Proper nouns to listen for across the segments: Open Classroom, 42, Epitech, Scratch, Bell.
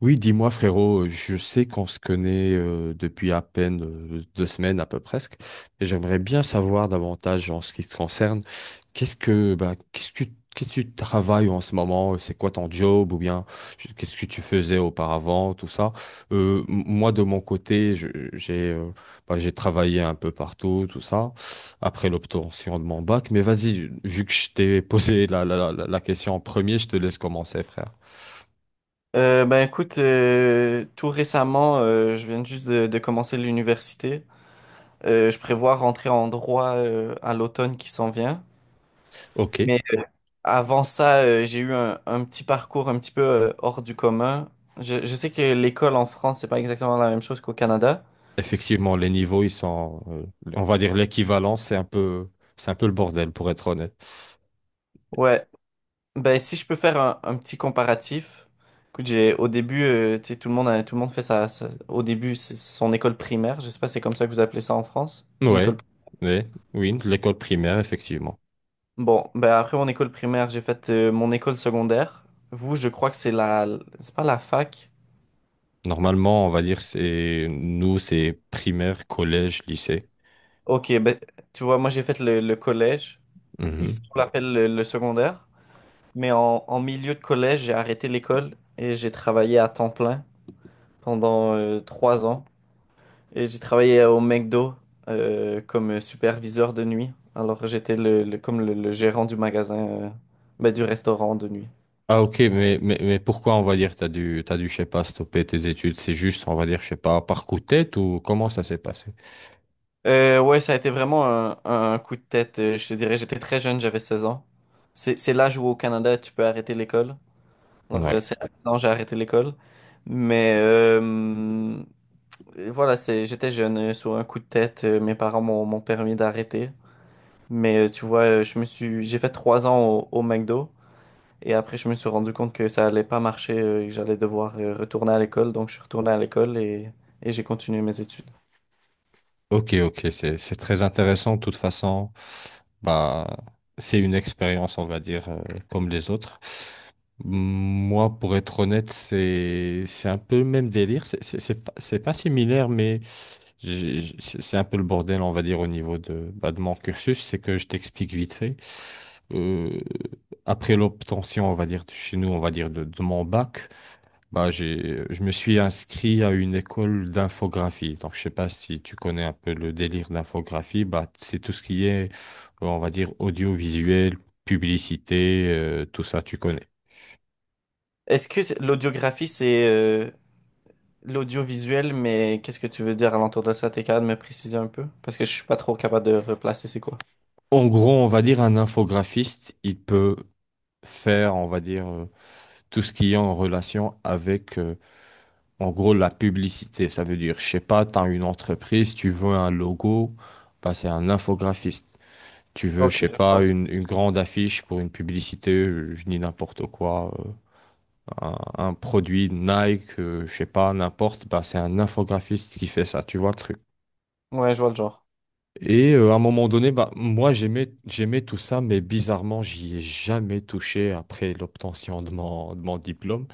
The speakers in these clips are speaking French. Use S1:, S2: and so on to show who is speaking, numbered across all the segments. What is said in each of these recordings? S1: Oui, dis-moi frérot, je sais qu'on se connaît depuis à peine deux semaines à peu presque, et j'aimerais bien savoir davantage en ce qui te concerne. Qu'est-ce que bah, qu'est-ce que qu'est-ce que tu travailles en ce moment? C'est quoi ton job ou bien qu'est-ce que tu faisais auparavant, tout ça? Moi de mon côté, j'ai bah, j'ai travaillé un peu partout, tout ça, après l'obtention de mon bac. Mais vas-y, vu que je t'ai posé la question en premier, je te laisse commencer, frère.
S2: Ben écoute, tout récemment, je viens juste de commencer l'université. Je prévois rentrer en droit à l'automne qui s'en vient.
S1: Ok.
S2: Mais avant ça, j'ai eu un petit parcours un petit peu hors du commun. Je sais que l'école en France, c'est pas exactement la même chose qu'au Canada.
S1: Effectivement, les niveaux, ils sont, on va dire l'équivalent, c'est un peu le bordel, pour être honnête.
S2: Ouais, ben si je peux faire un petit comparatif. Écoute, j'ai au début, tu sais, tout le monde fait ça. Au début, c'est son école primaire. Je sais pas, c'est comme ça que vous appelez ça en France, une
S1: Ouais,
S2: école primaire.
S1: ouais, oui, de l'école primaire, effectivement.
S2: Bon, ben après mon école primaire, j'ai fait mon école secondaire. Vous, je crois que c'est pas la fac.
S1: Normalement, on va dire, c'est, nous, c'est primaire, collège, lycée.
S2: Ok, ben tu vois, moi j'ai fait le collège. Ici,
S1: Mhm.
S2: on l'appelle le secondaire. Mais en milieu de collège, j'ai arrêté l'école et j'ai travaillé à temps plein pendant 3 ans. Et j'ai travaillé au McDo comme superviseur de nuit. Alors j'étais comme le gérant du magasin, ben, du restaurant de nuit.
S1: Ah, ok, mais pourquoi, on va dire, t'as dû, je sais pas, stopper tes études? C'est juste, on va dire, je sais pas, par coup de tête ou comment ça s'est passé?
S2: Ouais, ça a été vraiment un coup de tête. Je te dirais, j'étais très jeune, j'avais 16 ans. C'est l'âge où au Canada, tu peux arrêter l'école. Alors,
S1: Ouais.
S2: c'est à 16 ans, j'ai arrêté l'école. Mais voilà, c'est, j'étais jeune, sur un coup de tête, mes parents m'ont permis d'arrêter. Mais tu vois, j'ai fait 3 ans au McDo. Et après, je me suis rendu compte que ça allait pas marcher, et que j'allais devoir retourner à l'école. Donc, je suis retourné à l'école et j'ai continué mes études.
S1: Ok, ok, c'est très intéressant. De toute façon, bah, c'est une expérience, on va dire, comme les autres. Moi, pour être honnête, c'est un peu le même délire. C'est pas, c'est pas similaire, mais c'est un peu le bordel, on va dire, au niveau de, bah, de mon cursus. C'est que je t'explique vite fait. Euh, Après l'obtention, on va dire, de chez nous, on va dire, de mon bac. Bah, j'ai, je me suis inscrit à une école d'infographie. Donc, je sais pas si tu connais un peu le délire d'infographie. Bah, c'est tout ce qui est, on va dire, audiovisuel, publicité, tout ça, tu connais.
S2: L'audiographie, l'audiovisuel, mais qu'est-ce que tu veux dire à l'entour de ça? T'es capable de me préciser un peu? Parce que je suis pas trop capable de replacer c'est quoi.
S1: En gros, on va dire un infographiste, il peut faire, on va dire, tout ce qui est en relation avec, en gros, la publicité. Ça veut dire, je sais pas, tu as une entreprise, tu veux un logo, bah, c'est un infographiste. Tu veux,
S2: Ok,
S1: je sais
S2: je
S1: pas,
S2: vois.
S1: une grande affiche pour une publicité, je dis n'importe quoi, un produit Nike, je sais pas, n'importe, bah, c'est un infographiste qui fait ça, tu vois le truc.
S2: Ouais, je vois le genre.
S1: Et à un moment donné, bah, moi j'aimais tout ça, mais bizarrement, j'y ai jamais touché après l'obtention de mon diplôme.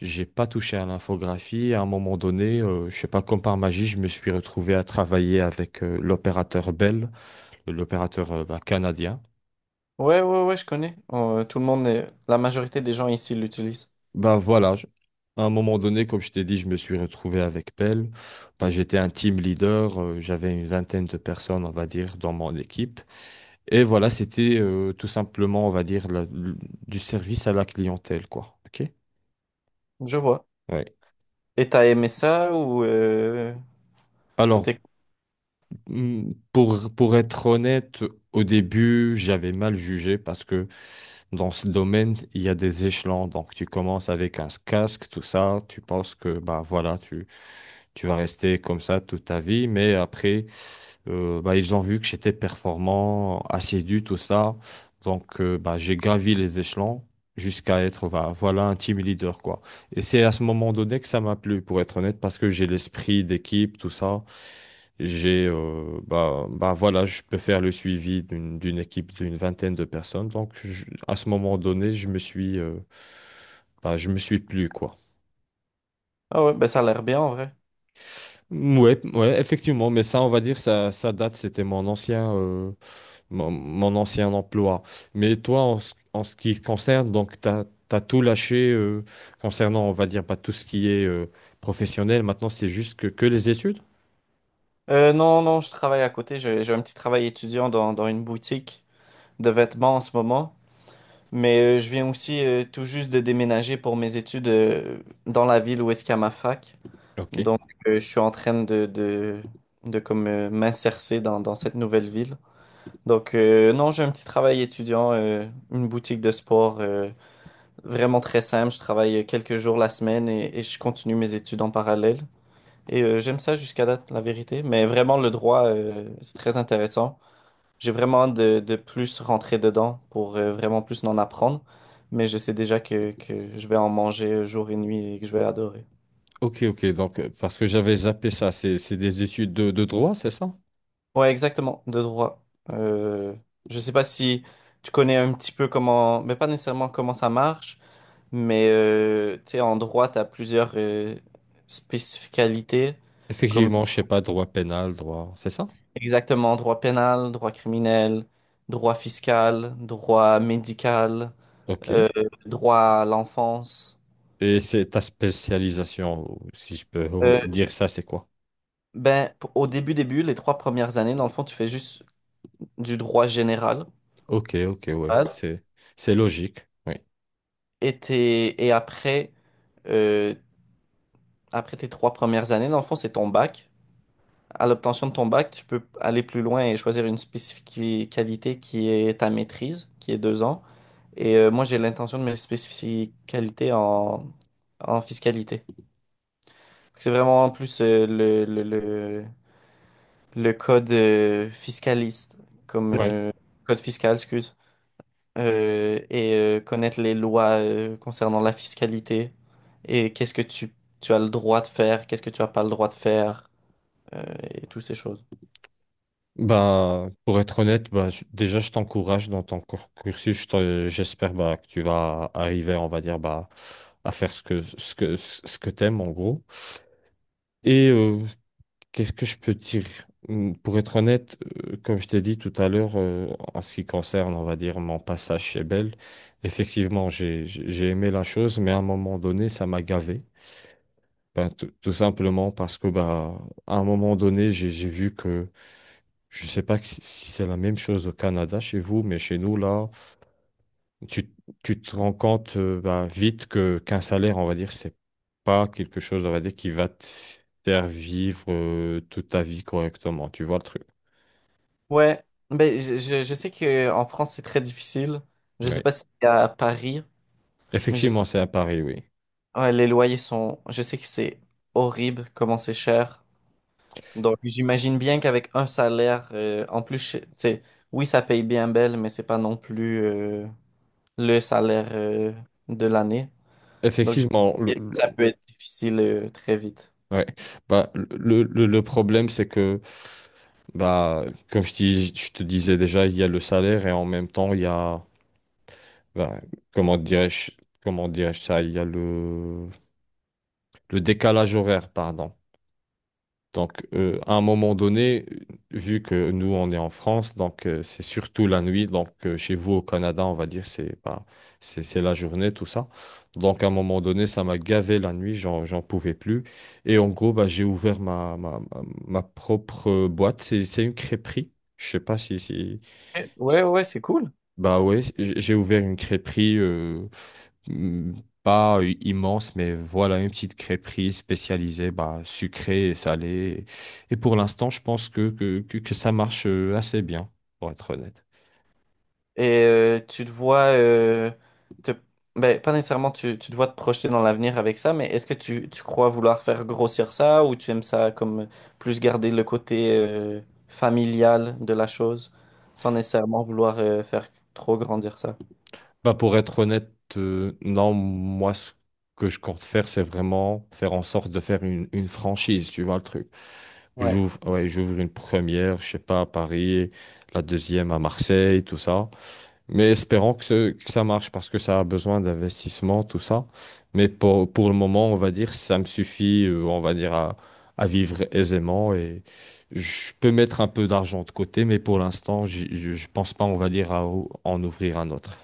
S1: J'ai pas touché à l'infographie. À un moment donné, je sais pas, comme par magie, je me suis retrouvé à travailler avec l'opérateur Bell, l'opérateur bah, canadien.
S2: Ouais, ouais, ouais, je connais. Tout le monde, la majorité des gens ici l'utilisent.
S1: Ben voilà, à un moment donné, comme je t'ai dit, je me suis retrouvé avec Pell. Ben, j'étais un team leader, j'avais une vingtaine de personnes, on va dire, dans mon équipe. Et voilà, c'était tout simplement, on va dire, du service à la clientèle, quoi. OK?
S2: Je vois.
S1: Ouais.
S2: Et t'as aimé ça
S1: Alors,
S2: c'était...
S1: pour être honnête, au début, j'avais mal jugé parce que dans ce domaine, il y a des échelons. Donc, tu commences avec un casque, tout ça. Tu penses que, bah voilà, tu vas rester comme ça toute ta vie. Mais après, bah, ils ont vu que j'étais performant, assidu, tout ça. Donc, bah, j'ai gravi les échelons jusqu'à être, bah, voilà, un team leader, quoi. Et c'est à ce moment donné que ça m'a plu, pour être honnête, parce que j'ai l'esprit d'équipe, tout ça. J'ai, voilà, je peux faire le suivi d'une, d'une équipe d'une vingtaine de personnes. Donc, à ce moment donné, je me suis, bah, je me suis plu, quoi.
S2: Ah ouais, ben ça a l'air bien en vrai.
S1: Ouais, ouais, effectivement, mais ça, on va dire, ça date, c'était mon ancien. Mon, mon ancien emploi. Mais toi, ce en ce qui concerne, donc, tu as, tout lâché concernant, on va dire, pas tout ce qui est professionnel. Maintenant, c'est juste que les études?
S2: Non, non, je travaille à côté. J'ai un petit travail étudiant dans une boutique de vêtements en ce moment. Mais je viens aussi tout juste de déménager pour mes études dans la ville où est-ce qu'il y a ma fac.
S1: Ok.
S2: Donc, je suis en train de comme m'insercer dans cette nouvelle ville. Donc, non, j'ai un petit travail étudiant, une boutique de sport vraiment très simple. Je travaille quelques jours la semaine et je continue mes études en parallèle. Et j'aime ça jusqu'à date, la vérité. Mais vraiment, le droit, c'est très intéressant. J'ai vraiment hâte de plus rentrer dedans pour vraiment plus en apprendre. Mais je sais déjà que je vais en manger jour et nuit et que je vais adorer.
S1: Ok, ok. Donc, parce que j'avais zappé ça, c'est des études de droit, c'est ça?
S2: Ouais, exactement, de droit. Euh, je sais pas si tu connais un petit peu comment, mais pas nécessairement comment ça marche, mais tu sais, en droit, tu as plusieurs spécificalités, comme
S1: Effectivement, je sais pas, droit pénal, droit, c'est ça?
S2: exactement droit pénal, droit criminel, droit fiscal, droit médical,
S1: Ok.
S2: euh, droit à l'enfance.
S1: Et c'est ta spécialisation, ou si je peux
S2: Euh,
S1: dire ça, c'est quoi?
S2: Au début, début, les 3 premières années, dans le fond, tu fais juste du droit général.
S1: Ok, ok, ouais.
S2: Base.
S1: C'est logique.
S2: Et après, euh, après tes 3 premières années, dans le fond, c'est ton bac. À l'obtention de ton bac, tu peux aller plus loin et choisir une spécificalité qui est ta maîtrise, qui est 2 ans. Et moi, j'ai l'intention de mes spécificalités en fiscalité. C'est vraiment plus le code fiscaliste, comme
S1: Oui.
S2: code fiscal, excuse. Connaître les lois concernant la fiscalité et tu as le droit de faire, qu'est-ce que tu n'as pas le droit de faire, euh, et toutes ces choses.
S1: Bah, pour être honnête, bah, déjà, je t'encourage dans ton cursus. J'espère bah, que tu vas arriver, on va dire, bah, à faire ce que t'aimes, en gros. Et qu'est-ce que je peux dire? Pour être honnête, comme je t'ai dit tout à l'heure, en ce qui concerne, on va dire, mon passage chez Bell, effectivement, j'ai, j'ai aimé la chose, mais à un moment donné, ça m'a gavé. Ben, tout simplement parce que, bah, à un moment donné, j'ai vu que je ne sais pas si c'est la même chose au Canada chez vous, mais chez nous, là, tu, tu te rends compte ben, vite que qu'un salaire, on va dire, c'est pas quelque chose, on va dire, qui va te faire vivre toute ta vie correctement. Tu vois le truc.
S2: Ouais, ben, je sais qu'en France, c'est très difficile. Je sais
S1: Ouais.
S2: pas si c'est à Paris, mais je sais,
S1: Effectivement, c'est à Paris, oui.
S2: ouais, les loyers sont... Je sais que c'est horrible comment c'est cher. Donc, j'imagine bien qu'avec un salaire, en plus, tu sais, oui, ça paye bien belle, mais c'est pas non plus le salaire de l'année. Donc,
S1: Effectivement,
S2: j'imagine que ça peut être difficile très vite.
S1: ouais. Bah, le problème, c'est que, bah, comme je te disais déjà, il y a le salaire et en même temps, il y a, bah, comment dirais-je, comment dirais-je ça, il y a le le décalage horaire, pardon. Donc, à un moment donné, vu que nous, on est en France, donc c'est surtout la nuit. Donc, chez vous au Canada, on va dire, c'est pas, c'est la journée, tout ça. Donc, à un moment donné, ça m'a gavé la nuit, j'en, j'en pouvais plus. Et en gros, bah, j'ai ouvert ma propre boîte. C'est une crêperie. Je sais pas si,
S2: Eh,
S1: si-
S2: ouais, ouais, c'est cool.
S1: Bah ouais, j'ai ouvert une crêperie. Hmm, Pas immense, mais voilà, une petite crêperie spécialisée, bah, sucrée et salée. Et pour l'instant, je pense que ça marche assez bien, pour être honnête.
S2: Et tu te vois, te- ben, pas nécessairement tu te vois te projeter dans l'avenir avec ça, mais est-ce que tu crois vouloir faire grossir ça ou tu aimes ça comme plus garder le côté familial de la chose sans nécessairement vouloir faire trop grandir ça?
S1: Bah, pour être honnête, non, moi, ce que je compte faire, c'est vraiment faire en sorte de faire une franchise, tu vois le truc.
S2: Ouais.
S1: J'ouvre une première, je sais pas, à Paris, la deuxième à Marseille, tout ça. Mais espérons que, que ça marche parce que ça a besoin d'investissement, tout ça. Mais pour le moment, on va dire, ça me suffit, on va dire, à vivre aisément et je peux mettre un peu d'argent de côté, mais pour l'instant, je pense pas, on va dire, à en ouvrir un autre.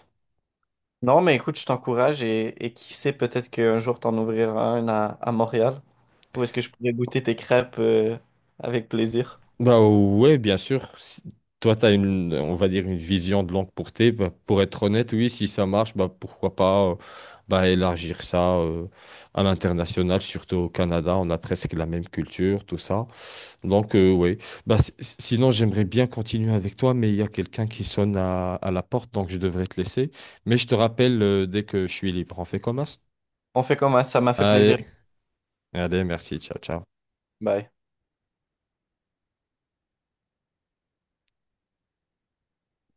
S2: Non, mais écoute, je t'encourage et qui sait, peut-être qu'un jour t'en ouvriras un à Montréal ou est-ce que je pourrais goûter tes crêpes avec plaisir?
S1: Bah ouais, bien sûr. Si- Toi, tu as une, on va dire, une vision de longue portée. Bah, pour être honnête, oui, si ça marche, bah pourquoi pas bah, élargir ça à l'international, surtout au Canada, on a presque la même culture, tout ça. Donc, ouais. Bah, sinon, j'aimerais bien continuer avec toi, mais il y a quelqu'un qui sonne à la porte, donc je devrais te laisser. Mais je te rappelle, dès que je suis libre, on fait comme ça.
S2: On fait comme ça m'a fait plaisir.
S1: Allez, allez, merci, ciao, ciao.
S2: Bye.